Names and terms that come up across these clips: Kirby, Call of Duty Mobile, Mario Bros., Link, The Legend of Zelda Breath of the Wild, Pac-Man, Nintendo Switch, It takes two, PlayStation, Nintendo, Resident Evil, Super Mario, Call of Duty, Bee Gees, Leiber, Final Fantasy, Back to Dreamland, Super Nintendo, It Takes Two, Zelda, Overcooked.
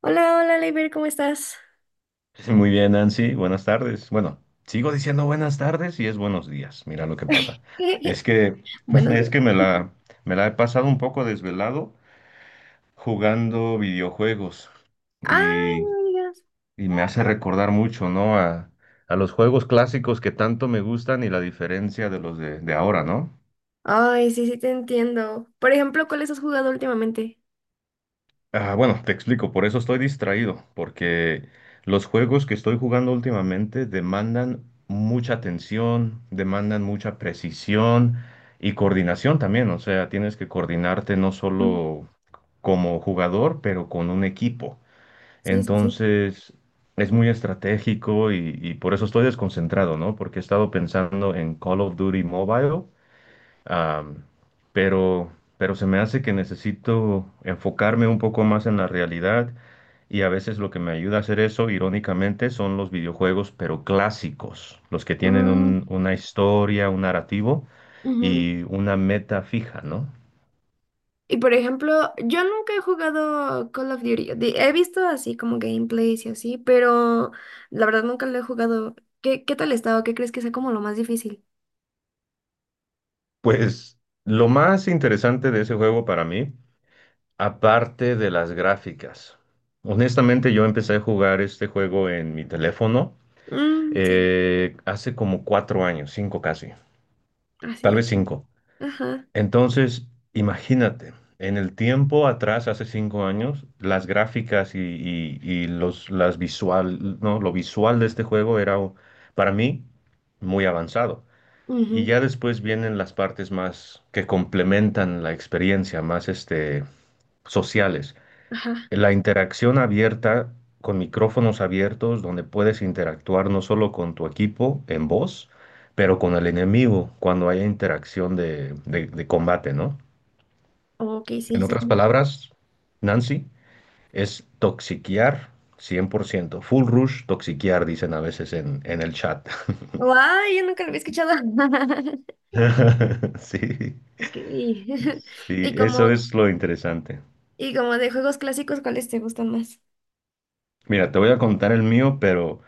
Hola, hola, Leiber, ¿cómo estás? Sí, muy bien, Nancy, buenas tardes. Bueno, sigo diciendo buenas tardes y es buenos días. Mira lo que pasa. Es que Buenos es días. que me la he pasado un poco desvelado jugando videojuegos Ah, y, no me digas. y me hace recordar mucho, ¿no? A los juegos clásicos que tanto me gustan y la diferencia de los de ahora, ¿no? Ay, sí, sí, te entiendo. Por ejemplo, ¿cuáles has jugado últimamente? Ah, bueno, te explico, por eso estoy distraído, porque los juegos que estoy jugando últimamente demandan mucha atención, demandan mucha precisión y coordinación también, o sea, tienes que coordinarte no Mm, solo como jugador, pero con un equipo. sí, sí, sí. Entonces, es muy estratégico y por eso estoy desconcentrado, ¿no? Porque he estado pensando en Call of Duty Mobile. Am, pero, pero se me hace que necesito enfocarme un poco más en la realidad y a veces lo que me ayuda a hacer eso, irónicamente, son los videojuegos, pero clásicos, los que tienen Mm, una historia, un narrativo ujú. y una meta fija, ¿no? Y por ejemplo, yo nunca he jugado Call of Duty. He visto así como gameplays y así, pero la verdad nunca lo he jugado. ¿Qué, qué tal está o qué crees que sea como lo más difícil? Pues lo más interesante de ese juego para mí, aparte de las gráficas. Honestamente, yo empecé a jugar este juego en mi teléfono Mm, sí, hace como 4 años, cinco casi. así Tal ya. vez cinco. Ajá. Entonces, imagínate, en el tiempo atrás, hace 5 años, las gráficas y los, las visual, no, lo visual de este juego era para mí muy avanzado. Y Ujú. ya después vienen las partes más que complementan la experiencia, más este, sociales. Ajá. La interacción abierta con micrófonos abiertos donde puedes interactuar no solo con tu equipo en voz, pero con el enemigo cuando haya interacción de combate, ¿no? Ok, En sí, otras sí. palabras, Nancy, es toxiquear 100%. Full rush toxiquear, dicen a veces en el chat. Guay, yo nunca lo había escuchado. Sí, Ok. sí, Y eso como, es lo interesante. ¿y como de juegos clásicos, cuáles te gustan más? Mira, te voy a contar el mío, pero,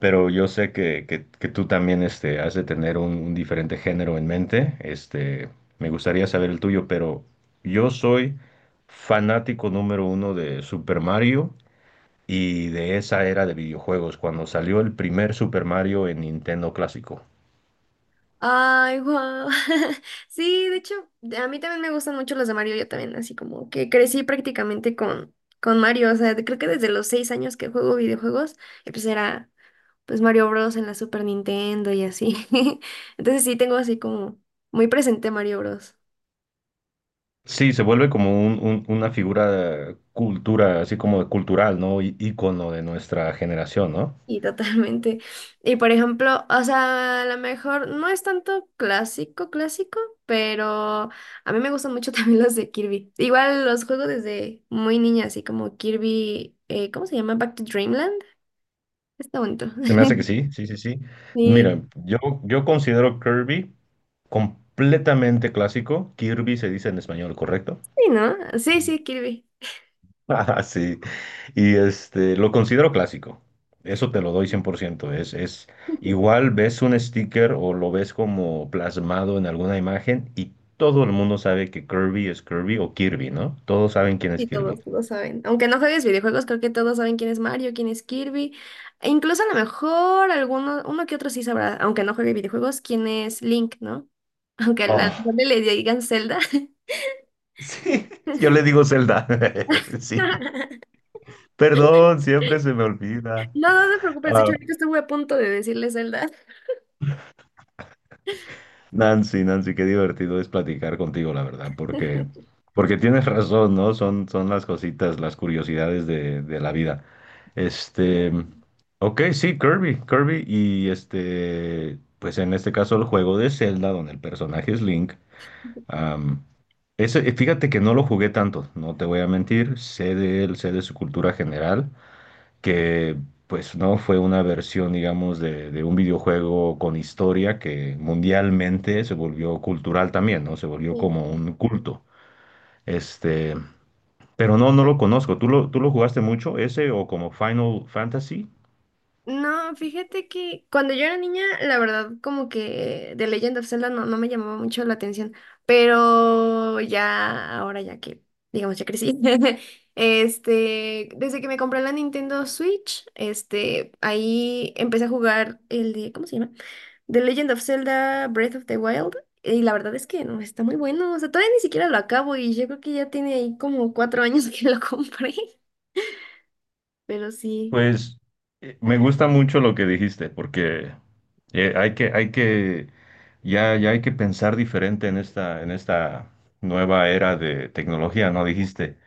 pero yo sé que tú también este, has de tener un diferente género en mente. Este, me gustaría saber el tuyo, pero yo soy fanático número uno de Super Mario y de esa era de videojuegos, cuando salió el primer Super Mario en Nintendo clásico. Ay, wow. Sí, de hecho, a mí también me gustan mucho los de Mario, yo también, así como que crecí prácticamente con Mario, o sea, creo que desde los 6 años que juego videojuegos, y pues era pues Mario Bros. En la Super Nintendo y así. Entonces sí tengo así como muy presente Mario Bros. Sí, se vuelve como una figura cultura, así como cultural, ¿no? Ícono de nuestra generación, ¿no? Y totalmente. Y por ejemplo, o sea, a lo mejor no es tanto clásico, clásico, pero a mí me gustan mucho también los de Kirby. Igual los juego desde muy niña, así como Kirby, ¿cómo se llama? Back to Dreamland. Está bonito. Se me hace que sí, sí, sí, sí. Sí, Mira, yo considero Kirby completamente clásico. Kirby se dice en español, ¿correcto? sí, ¿no? Sí, sí, Kirby. Ah, sí. Y este, lo considero clásico. Eso te lo doy 100%. Es igual ves un sticker o lo ves como plasmado en alguna imagen y todo el mundo sabe que Kirby es Kirby o Kirby, ¿no? Todos saben quién es Sí, Kirby. todos, todos saben. Aunque no juegues videojuegos, creo que todos saben quién es Mario, quién es Kirby. E incluso a lo mejor alguno, uno que otro sí sabrá, aunque no juegue videojuegos, quién es Link, ¿no? Aunque a la Oh, gente le digan Zelda. sí, yo le digo Zelda. Sí. Perdón, siempre se me olvida. No, no te preocupes, de hecho, ahorita estuve a punto de decirle Zelda. Nancy, Nancy, qué divertido es platicar contigo, la verdad, porque, porque tienes razón, ¿no? Son las cositas, las curiosidades de la vida. Este, ok, sí, Kirby, Kirby, y este, pues en este caso el juego de Zelda, donde el personaje es Link, am, ese, fíjate que no lo jugué tanto, no te voy a mentir, sé de él, sé de su cultura general, que pues no fue una versión, digamos, de un videojuego con historia que mundialmente se volvió cultural también, ¿no? Se volvió Sí. como un culto. Este, pero no, no lo conozco. ¿Tú lo jugaste mucho ese o como Final Fantasy? No, fíjate que cuando yo era niña, la verdad, como que The Legend of Zelda no, no me llamaba mucho la atención, pero ya, ahora ya que, digamos, ya crecí, desde que me compré la Nintendo Switch, ahí empecé a jugar el de, ¿cómo se llama? The Legend of Zelda Breath of the Wild, y la verdad es que no, está muy bueno, o sea, todavía ni siquiera lo acabo y yo creo que ya tiene ahí como 4 años que lo compré, pero sí. Pues me gusta mucho lo que dijiste, porque eh, hay que, hay que, ya hay que pensar diferente en esta nueva era de tecnología, ¿no? Dijiste,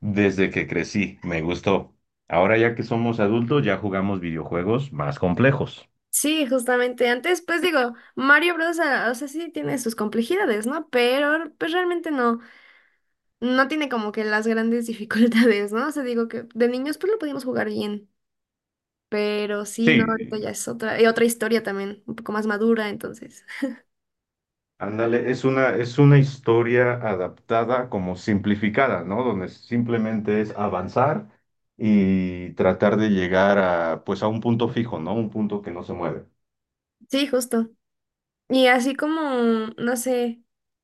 desde que crecí, me gustó. Ahora ya que somos adultos, ya jugamos videojuegos más complejos. Sí, justamente. Antes, pues digo, Mario Bros. O sea, sí tiene sus complejidades, ¿no? Pero, pues realmente no, no tiene como que las grandes dificultades, ¿no? O sea, digo que de niños, pues lo podíamos jugar bien. Pero sí, no, ahorita Sí, ya es otra, y otra historia también, un poco más madura, entonces. ándale, es una historia adaptada como simplificada, ¿no? Donde simplemente es avanzar y tratar de llegar a, pues a un punto fijo, ¿no? Un punto que no se mueve. Sí, justo. Y así como, no sé,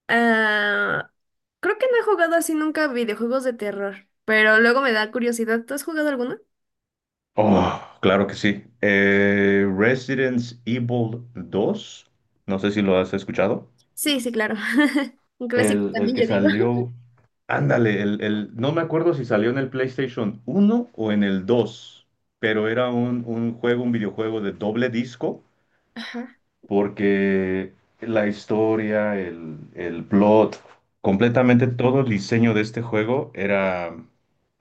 ah, creo que no he jugado así nunca videojuegos de terror, pero luego me da curiosidad. ¿Tú has jugado alguno? Oh, claro que sí. Resident Evil 2, no sé si lo has escuchado. Sí, sí, claro. Un clásico El también, que yo digo. salió, ándale, no me acuerdo si salió en el PlayStation 1 o en el dos, pero era un videojuego de doble disco, Ajá. porque la historia, el plot, completamente todo el diseño de este juego era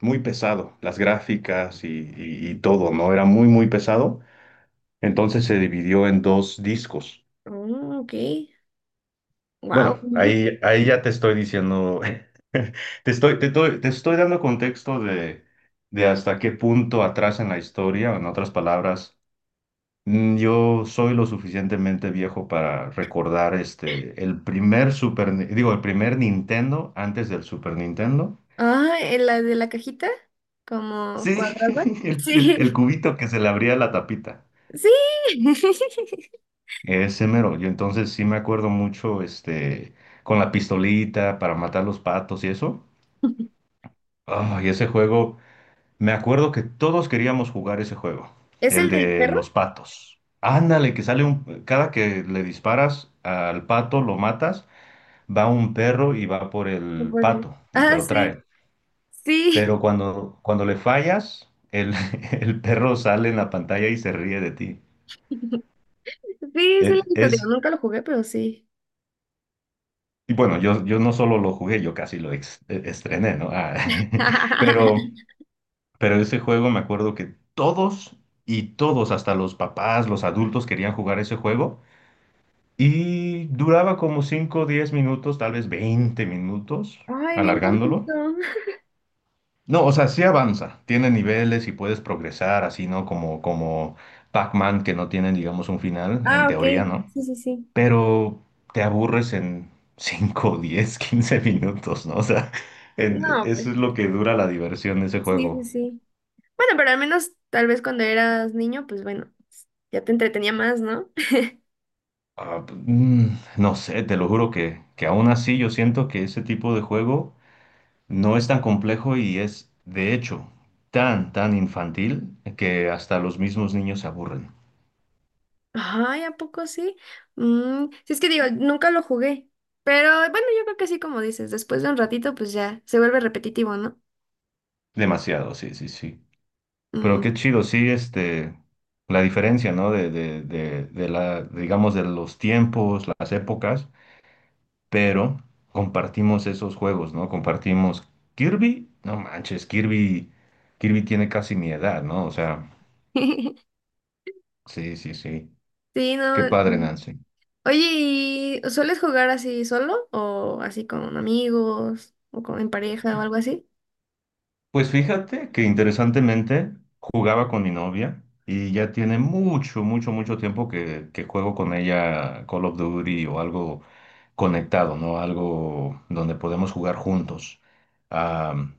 muy pesado, las gráficas y todo, ¿no? Era muy, muy pesado, entonces se dividió en dos discos. Oh, ok. Wow. Bueno, ahí ya te estoy diciendo, te estoy dando contexto de hasta qué punto atrás en la historia, en otras palabras, yo soy lo suficientemente viejo para recordar este, el primer Super, Ni- digo, el primer Nintendo antes del Super Nintendo. Ah, ¿en la de la cajita, como Sí, cuadrada? el Sí, cubito que se le abría la tapita. sí. Ese mero. Yo entonces sí me acuerdo mucho este, con la pistolita para matar los patos y eso. Ah, y ese juego. Me acuerdo que todos queríamos jugar ese juego, ¿Es el el del de perro? los patos. Ándale, que sale cada que le disparas al pato, lo matas, va un perro y va por No el puede. pato y te Ah, lo sí, trae. sí. Pero cuando le fallas, el perro sale en la pantalla y se ríe de ti. Sí, sí lo E- he visto. Digo, Es... nunca lo jugué, pero sí. Y bueno, yo no solo lo jugué, yo casi lo estrené, ¿no? Ah, pero, pero ese juego me acuerdo que todos y todos, hasta los papás, los adultos querían jugar ese juego. Y duraba como 5 o 10 minutos, tal vez 20 minutos, Ay, bien alargándolo. cortito. No, o sea, sí avanza, tiene niveles y puedes progresar, así, ¿no? Como Pac-Man, que no tienen, digamos, un final, en Ah, ok. teoría, ¿no? Sí, sí, sí. Pero te aburres en 5 10 15 minutos, ¿no? O sea, No, eso pues, es lo que dura la diversión de ese sí, sí, juego. sí. Bueno, pero al menos tal vez cuando eras niño, pues bueno, ya te entretenía más, ¿no? Ah, no sé, te lo juro que aún así yo siento que ese tipo de juego no es tan complejo y es, de hecho, tan, tan infantil que hasta los mismos niños se aburren. Ay, ¿a poco sí? Mm, sí, es que digo, nunca lo jugué. Pero bueno, yo creo que sí, como dices, después de un ratito, pues ya se vuelve repetitivo, ¿no? Demasiado, sí, sí, sí. Pero Mm. qué chido, sí, este, la diferencia, ¿no? De la, digamos, de los tiempos, las épocas, pero compartimos esos juegos, ¿no? Compartimos Kirby, no manches, Kirby, Kirby tiene casi mi edad, ¿no? O sea, sí, sí, sí. Sí, Qué no, padre, no. Nancy. Oye, ¿y sueles jugar así solo o así con amigos o con, en pareja o algo así? Pues fíjate que interesantemente jugaba con mi novia y ya tiene mucho, mucho, mucho tiempo que juego con ella Call of Duty o algo conectado, ¿no? Algo donde podemos jugar juntos. Am,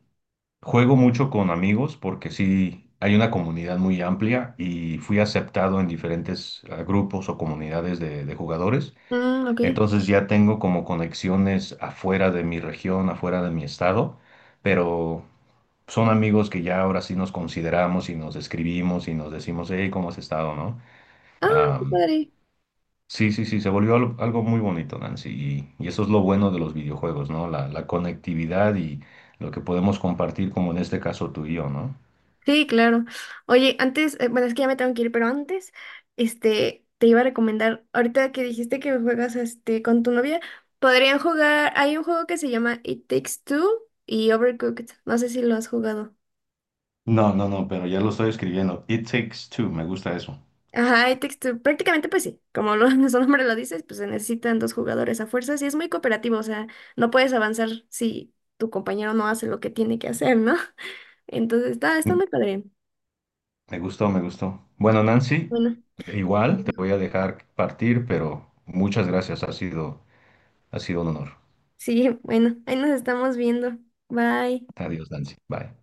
juego mucho con amigos porque sí, hay una comunidad muy amplia y fui aceptado en diferentes grupos o comunidades de jugadores. Mm, ok. Entonces ya tengo como conexiones afuera de mi región, afuera de mi estado, pero son amigos que ya ahora sí nos consideramos y nos escribimos y nos decimos, hey, ¿cómo has estado, no? Ah, qué Am, padre. sí, sí, sí, se volvió algo muy bonito, Nancy, y eso es lo bueno de los videojuegos, ¿no? La conectividad y lo que podemos compartir, como en este caso tú y yo, ¿no? Sí, claro. Oye, antes, bueno, es que ya me tengo que ir, pero antes, te iba a recomendar, ahorita que dijiste que juegas, con tu novia, podrían jugar, hay un juego que se llama It Takes Two y Overcooked, no sé si lo has jugado. No, no, no, pero ya lo estoy escribiendo. It takes two, me gusta eso. Ajá, It Takes Two, prácticamente pues sí, como lo, su nombre lo dices, pues se necesitan dos jugadores a fuerzas y es muy cooperativo, o sea, no puedes avanzar si tu compañero no hace lo que tiene que hacer, ¿no? Entonces, está, está Mm, muy padre. Me gustó, me gustó. Bueno, Nancy, Bueno, igual te voy a dejar partir, pero muchas gracias, ha sido un honor. sí, bueno, ahí nos estamos viendo. Bye. Adiós, Nancy. Bye.